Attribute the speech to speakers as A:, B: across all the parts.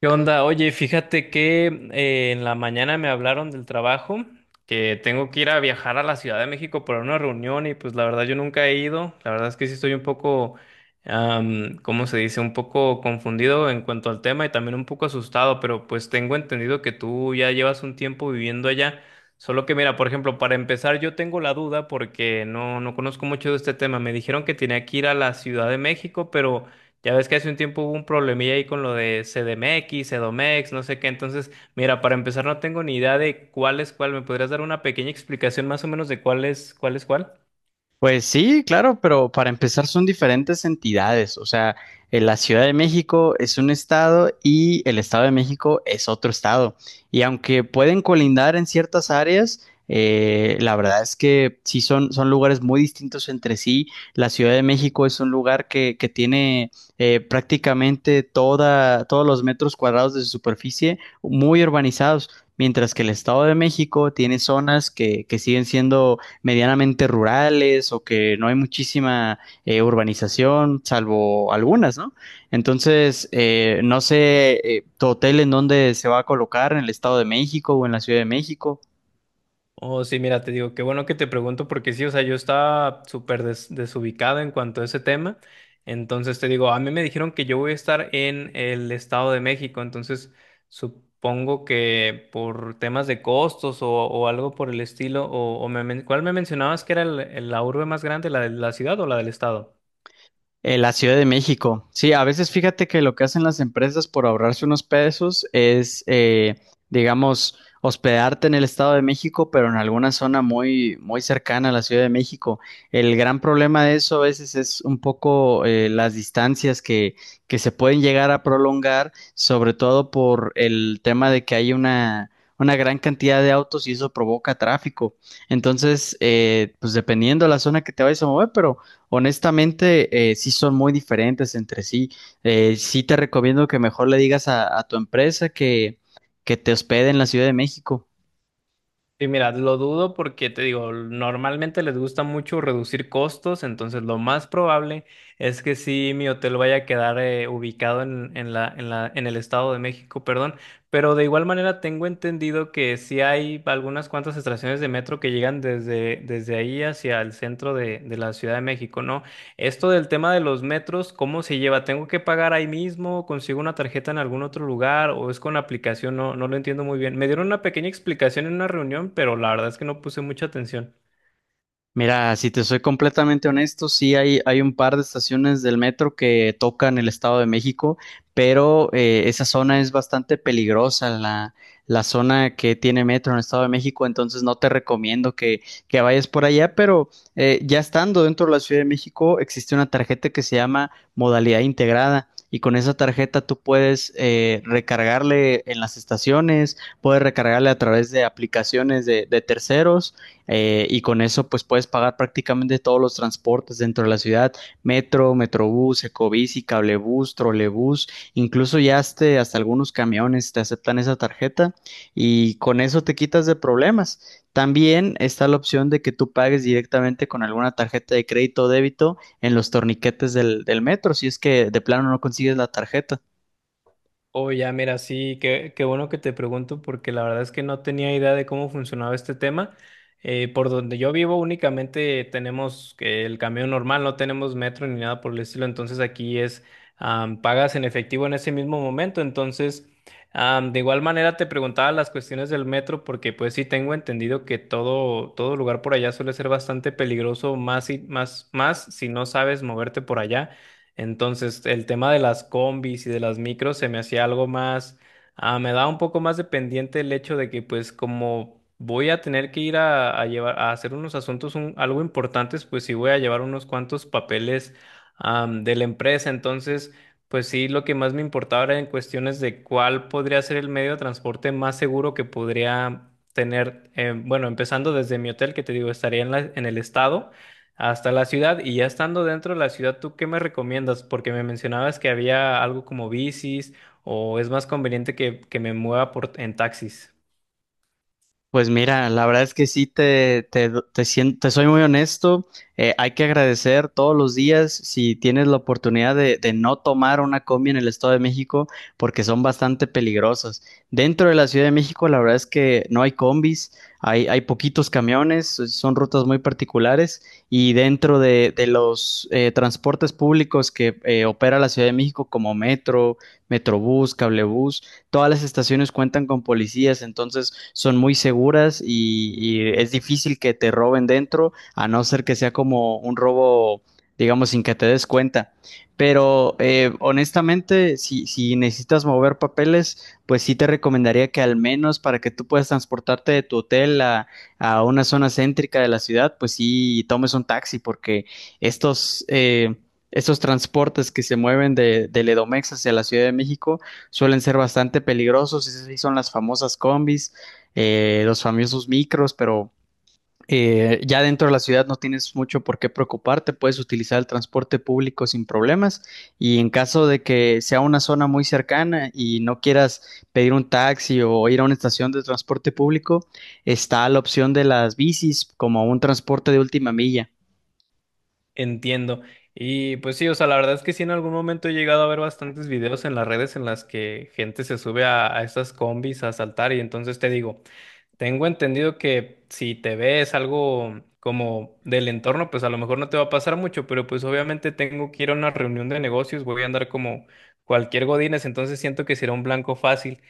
A: ¿Qué onda? Oye, fíjate que en la mañana me hablaron del trabajo, que tengo que ir a viajar a la Ciudad de México para una reunión y pues la verdad yo nunca he ido. La verdad es que sí estoy un poco, ¿cómo se dice? Un poco confundido en cuanto al tema y también un poco asustado, pero pues tengo entendido que tú ya llevas un tiempo viviendo allá. Solo que mira, por ejemplo, para empezar yo tengo la duda porque no conozco mucho de este tema. Me dijeron que tenía que ir a la Ciudad de México, pero... Ya ves que hace un tiempo hubo un problemilla ahí con lo de CDMX, CDOMEX, no sé qué. Entonces, mira, para empezar no tengo ni idea de cuál es cuál. ¿Me podrías dar una pequeña explicación más o menos de cuál es cuál?
B: Pues sí, claro, pero para empezar son diferentes entidades. O sea, la Ciudad de México es un estado y el Estado de México es otro estado. Y aunque pueden colindar en ciertas áreas, la verdad es que sí son lugares muy distintos entre sí. La Ciudad de México es un lugar que tiene prácticamente todos los metros cuadrados de su superficie muy urbanizados, mientras que el Estado de México tiene zonas que siguen siendo medianamente rurales o que no hay muchísima urbanización, salvo algunas, ¿no? Entonces, no sé tu hotel en dónde se va a colocar, en el Estado de México o en la Ciudad de México.
A: Oh, sí, mira, te digo, qué bueno que te pregunto porque sí, o sea, yo estaba súper desubicado en cuanto a ese tema. Entonces te digo, a mí me dijeron que yo voy a estar en el Estado de México, entonces supongo que por temas de costos o algo por el estilo, ¿cuál me mencionabas que era la urbe más grande, la de la ciudad o la del estado?
B: La Ciudad de México. Sí, a veces fíjate que lo que hacen las empresas por ahorrarse unos pesos es, digamos, hospedarte en el Estado de México, pero en alguna zona muy, muy cercana a la Ciudad de México. El gran problema de eso a veces es un poco las distancias que se pueden llegar a prolongar, sobre todo por el tema de que hay una gran cantidad de autos y eso provoca tráfico. Entonces, pues dependiendo de la zona que te vayas a mover, pero honestamente, sí son muy diferentes entre sí. Sí te recomiendo que mejor le digas a tu empresa que te hospede en la Ciudad de México.
A: Y mira, lo dudo porque te digo, normalmente les gusta mucho reducir costos, entonces lo más probable es que sí mi hotel vaya a quedar ubicado en el Estado de México, perdón, pero de igual manera tengo entendido que sí hay algunas cuantas estaciones de metro que llegan desde ahí hacia el centro de la Ciudad de México, ¿no? Esto del tema de los metros, ¿cómo se lleva? ¿Tengo que pagar ahí mismo? ¿Consigo una tarjeta en algún otro lugar? ¿O es con la aplicación? No lo entiendo muy bien. Me dieron una pequeña explicación en una reunión, pero la verdad es que no puse mucha atención.
B: Mira, si te soy completamente honesto, sí hay un par de estaciones del metro que tocan el Estado de México, pero esa zona es bastante peligrosa, la zona que tiene metro en el Estado de México, entonces no te recomiendo que vayas por allá, pero ya estando dentro de la Ciudad de México existe una tarjeta que se llama modalidad integrada. Y con esa tarjeta tú puedes recargarle en las estaciones, puedes recargarle a través de aplicaciones de terceros y con eso pues puedes pagar prácticamente todos los transportes dentro de la ciudad, metro, metrobús, ecobici, cablebús, trolebús, incluso ya hasta algunos camiones te aceptan esa tarjeta y con eso te quitas de problemas. También está la opción de que tú pagues directamente con alguna tarjeta de crédito o débito en los torniquetes del metro, si es que de plano no consigues la tarjeta.
A: Oh, ya, mira, sí, qué bueno que te pregunto porque la verdad es que no tenía idea de cómo funcionaba este tema. Por donde yo vivo únicamente tenemos que el camión normal, no tenemos metro ni nada por el estilo, entonces aquí es, pagas en efectivo en ese mismo momento, entonces, de igual manera te preguntaba las cuestiones del metro porque pues sí tengo entendido que todo lugar por allá suele ser bastante peligroso, más si no sabes moverte por allá. Entonces, el tema de las combis y de las micros se me hacía algo más, me da un poco más de pendiente el hecho de que pues como voy a tener que ir a llevar, a hacer unos asuntos algo importantes, pues sí voy a llevar unos cuantos papeles, de la empresa. Entonces, pues sí, lo que más me importaba era en cuestiones de cuál podría ser el medio de transporte más seguro que podría tener, bueno, empezando desde mi hotel, que te digo, estaría en en el estado. Hasta la ciudad y ya estando dentro de la ciudad, ¿tú qué me recomiendas? Porque me mencionabas que había algo como bicis o es más conveniente que me mueva en taxis.
B: Pues mira, la verdad es que sí te soy muy honesto. Hay que agradecer todos los días si tienes la oportunidad de no tomar una combi en el Estado de México porque son bastante peligrosas. Dentro de la Ciudad de México, la verdad es que no hay combis, hay poquitos camiones, son rutas muy particulares y dentro de los transportes públicos que opera la Ciudad de México como metro, metrobús, cablebús, todas las estaciones cuentan con policías, entonces son muy seguras y es difícil que te roben dentro, a no ser que sea como un robo, digamos, sin que te des cuenta. Pero honestamente, si necesitas mover papeles, pues sí te recomendaría que al menos para que tú puedas transportarte de tu hotel a una zona céntrica de la ciudad, pues sí tomes un taxi, porque estos, eh, estos transportes que se mueven del Edomex hacia la Ciudad de México suelen ser bastante peligrosos, esas sí son las famosas combis, los famosos micros, pero ya dentro de la ciudad no tienes mucho por qué preocuparte, puedes utilizar el transporte público sin problemas y en caso de que sea una zona muy cercana y no quieras pedir un taxi o ir a una estación de transporte público, está la opción de las bicis como un transporte de última milla.
A: Entiendo. Y pues sí, o sea, la verdad es que sí en algún momento he llegado a ver bastantes videos en las redes en las que gente se sube a estas combis a saltar y entonces te digo, tengo entendido que si te ves algo como del entorno, pues a lo mejor no te va a pasar mucho, pero pues obviamente tengo que ir a una reunión de negocios, voy a andar como cualquier godines, entonces siento que será un blanco fácil.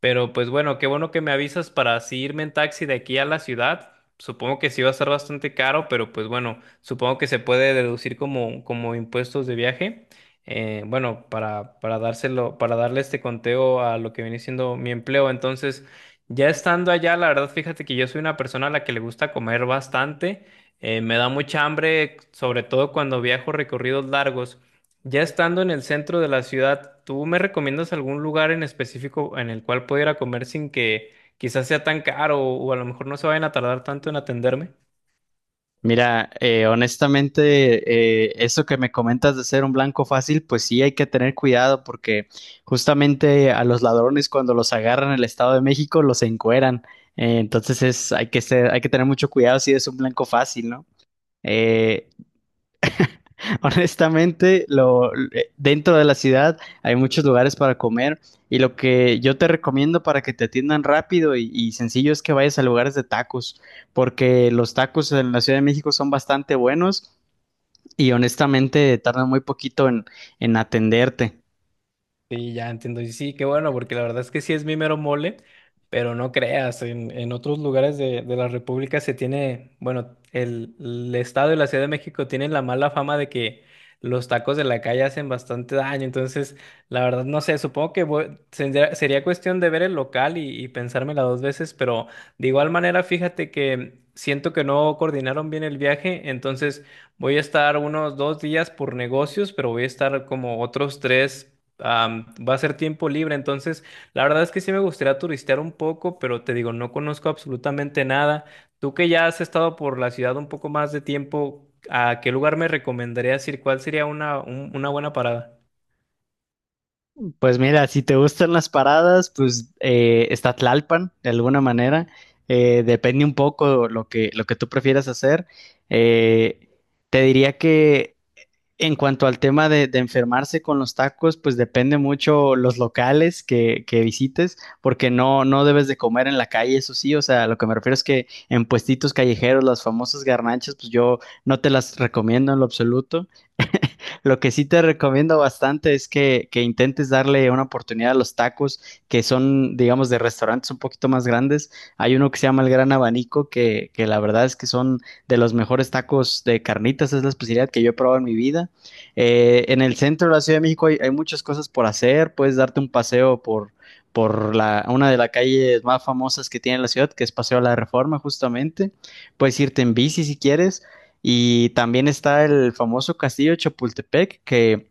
A: Pero pues bueno, qué bueno que me avisas para así irme en taxi de aquí a la ciudad. Supongo que sí va a estar bastante caro, pero pues bueno, supongo que se puede deducir como, como impuestos de viaje. Bueno, para dárselo, para darle este conteo a lo que viene siendo mi empleo. Entonces, ya estando allá, la verdad, fíjate que yo soy una persona a la que le gusta comer bastante. Me da mucha hambre, sobre todo cuando viajo recorridos largos. Ya estando en el centro de la ciudad, ¿tú me recomiendas algún lugar en específico en el cual pudiera comer sin que quizás sea tan caro o a lo mejor no se vayan a tardar tanto en atenderme?
B: Mira, honestamente, eso que me comentas de ser un blanco fácil, pues sí hay que tener cuidado porque justamente a los ladrones cuando los agarran en el Estado de México los encueran. Entonces es, hay que ser, hay que tener mucho cuidado si es un blanco fácil, ¿no? Eh, honestamente, dentro de la ciudad hay muchos lugares para comer y lo que yo te recomiendo para que te atiendan rápido y sencillo es que vayas a lugares de tacos porque los tacos en la Ciudad de México son bastante buenos y honestamente tardan muy poquito en atenderte.
A: Sí, ya entiendo. Y sí, qué bueno, porque la verdad es que sí es mi mero mole, pero no creas, en otros lugares de la República se tiene, bueno, el Estado y la Ciudad de México tienen la mala fama de que los tacos de la calle hacen bastante daño. Entonces, la verdad, no sé, supongo que sería cuestión de ver el local y pensármela dos veces, pero de igual manera, fíjate que siento que no coordinaron bien el viaje, entonces voy a estar unos dos días por negocios, pero voy a estar como otros tres, va a ser tiempo libre, entonces la verdad es que sí me gustaría turistear un poco, pero te digo, no conozco absolutamente nada. Tú que ya has estado por la ciudad un poco más de tiempo, ¿a qué lugar me recomendarías ir? ¿Cuál sería una buena parada?
B: Pues mira, si te gustan las paradas, pues está Tlalpan de alguna manera. Depende un poco lo lo que tú prefieras hacer. Eh, te diría que en cuanto al tema de enfermarse con los tacos, pues depende mucho los locales que visites, porque no debes de comer en la calle, eso sí. O sea, lo que me refiero es que en puestitos callejeros, las famosas garnachas, pues yo no te las recomiendo en lo absoluto. Lo que sí te recomiendo bastante es que intentes darle una oportunidad a los tacos que son, digamos, de restaurantes un poquito más grandes. Hay uno que se llama El Gran Abanico, que la verdad es que son de los mejores tacos de carnitas, es la especialidad que yo he probado en mi vida. En el centro de la Ciudad de México hay muchas cosas por hacer, puedes darte un paseo una de las calles más famosas que tiene la ciudad, que es Paseo de la Reforma, justamente. Puedes irte en bici si quieres, y también está el famoso castillo de Chapultepec, que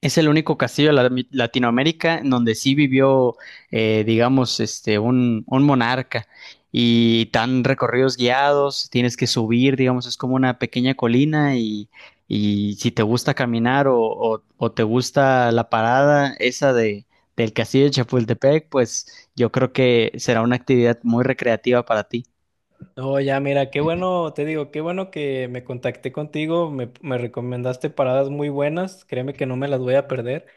B: es el único castillo de la- Latinoamérica en donde sí vivió, digamos, este, un monarca. Y tan recorridos guiados, tienes que subir, digamos, es como una pequeña colina y si te gusta caminar o te gusta la parada esa del castillo de Chapultepec, pues yo creo que será una actividad muy recreativa para ti.
A: No, ya, mira, qué bueno, te digo, qué bueno que me contacté contigo, me recomendaste paradas muy buenas, créeme que no me las voy a perder.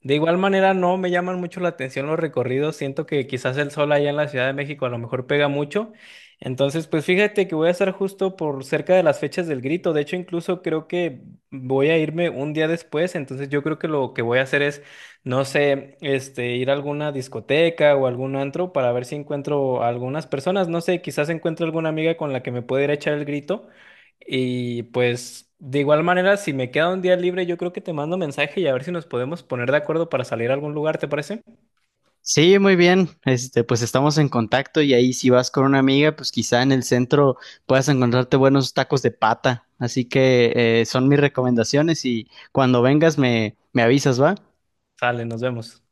A: De igual manera, no me llaman mucho la atención los recorridos, siento que quizás el sol allá en la Ciudad de México a lo mejor pega mucho. Entonces, pues fíjate que voy a estar justo por cerca de las fechas del grito, de hecho incluso creo que voy a irme un día después, entonces yo creo que lo que voy a hacer es no sé, este, ir a alguna discoteca o algún antro para ver si encuentro a algunas personas. No sé, quizás encuentro alguna amiga con la que me pueda ir a echar el grito. Y pues, de igual manera, si me queda un día libre, yo creo que te mando mensaje y a ver si nos podemos poner de acuerdo para salir a algún lugar, ¿te parece?
B: Sí, muy bien. Este, pues estamos en contacto y ahí si vas con una amiga, pues quizá en el centro puedas encontrarte buenos tacos de pata. Así que son mis recomendaciones y cuando vengas me avisas, ¿va?
A: Sale, nos vemos.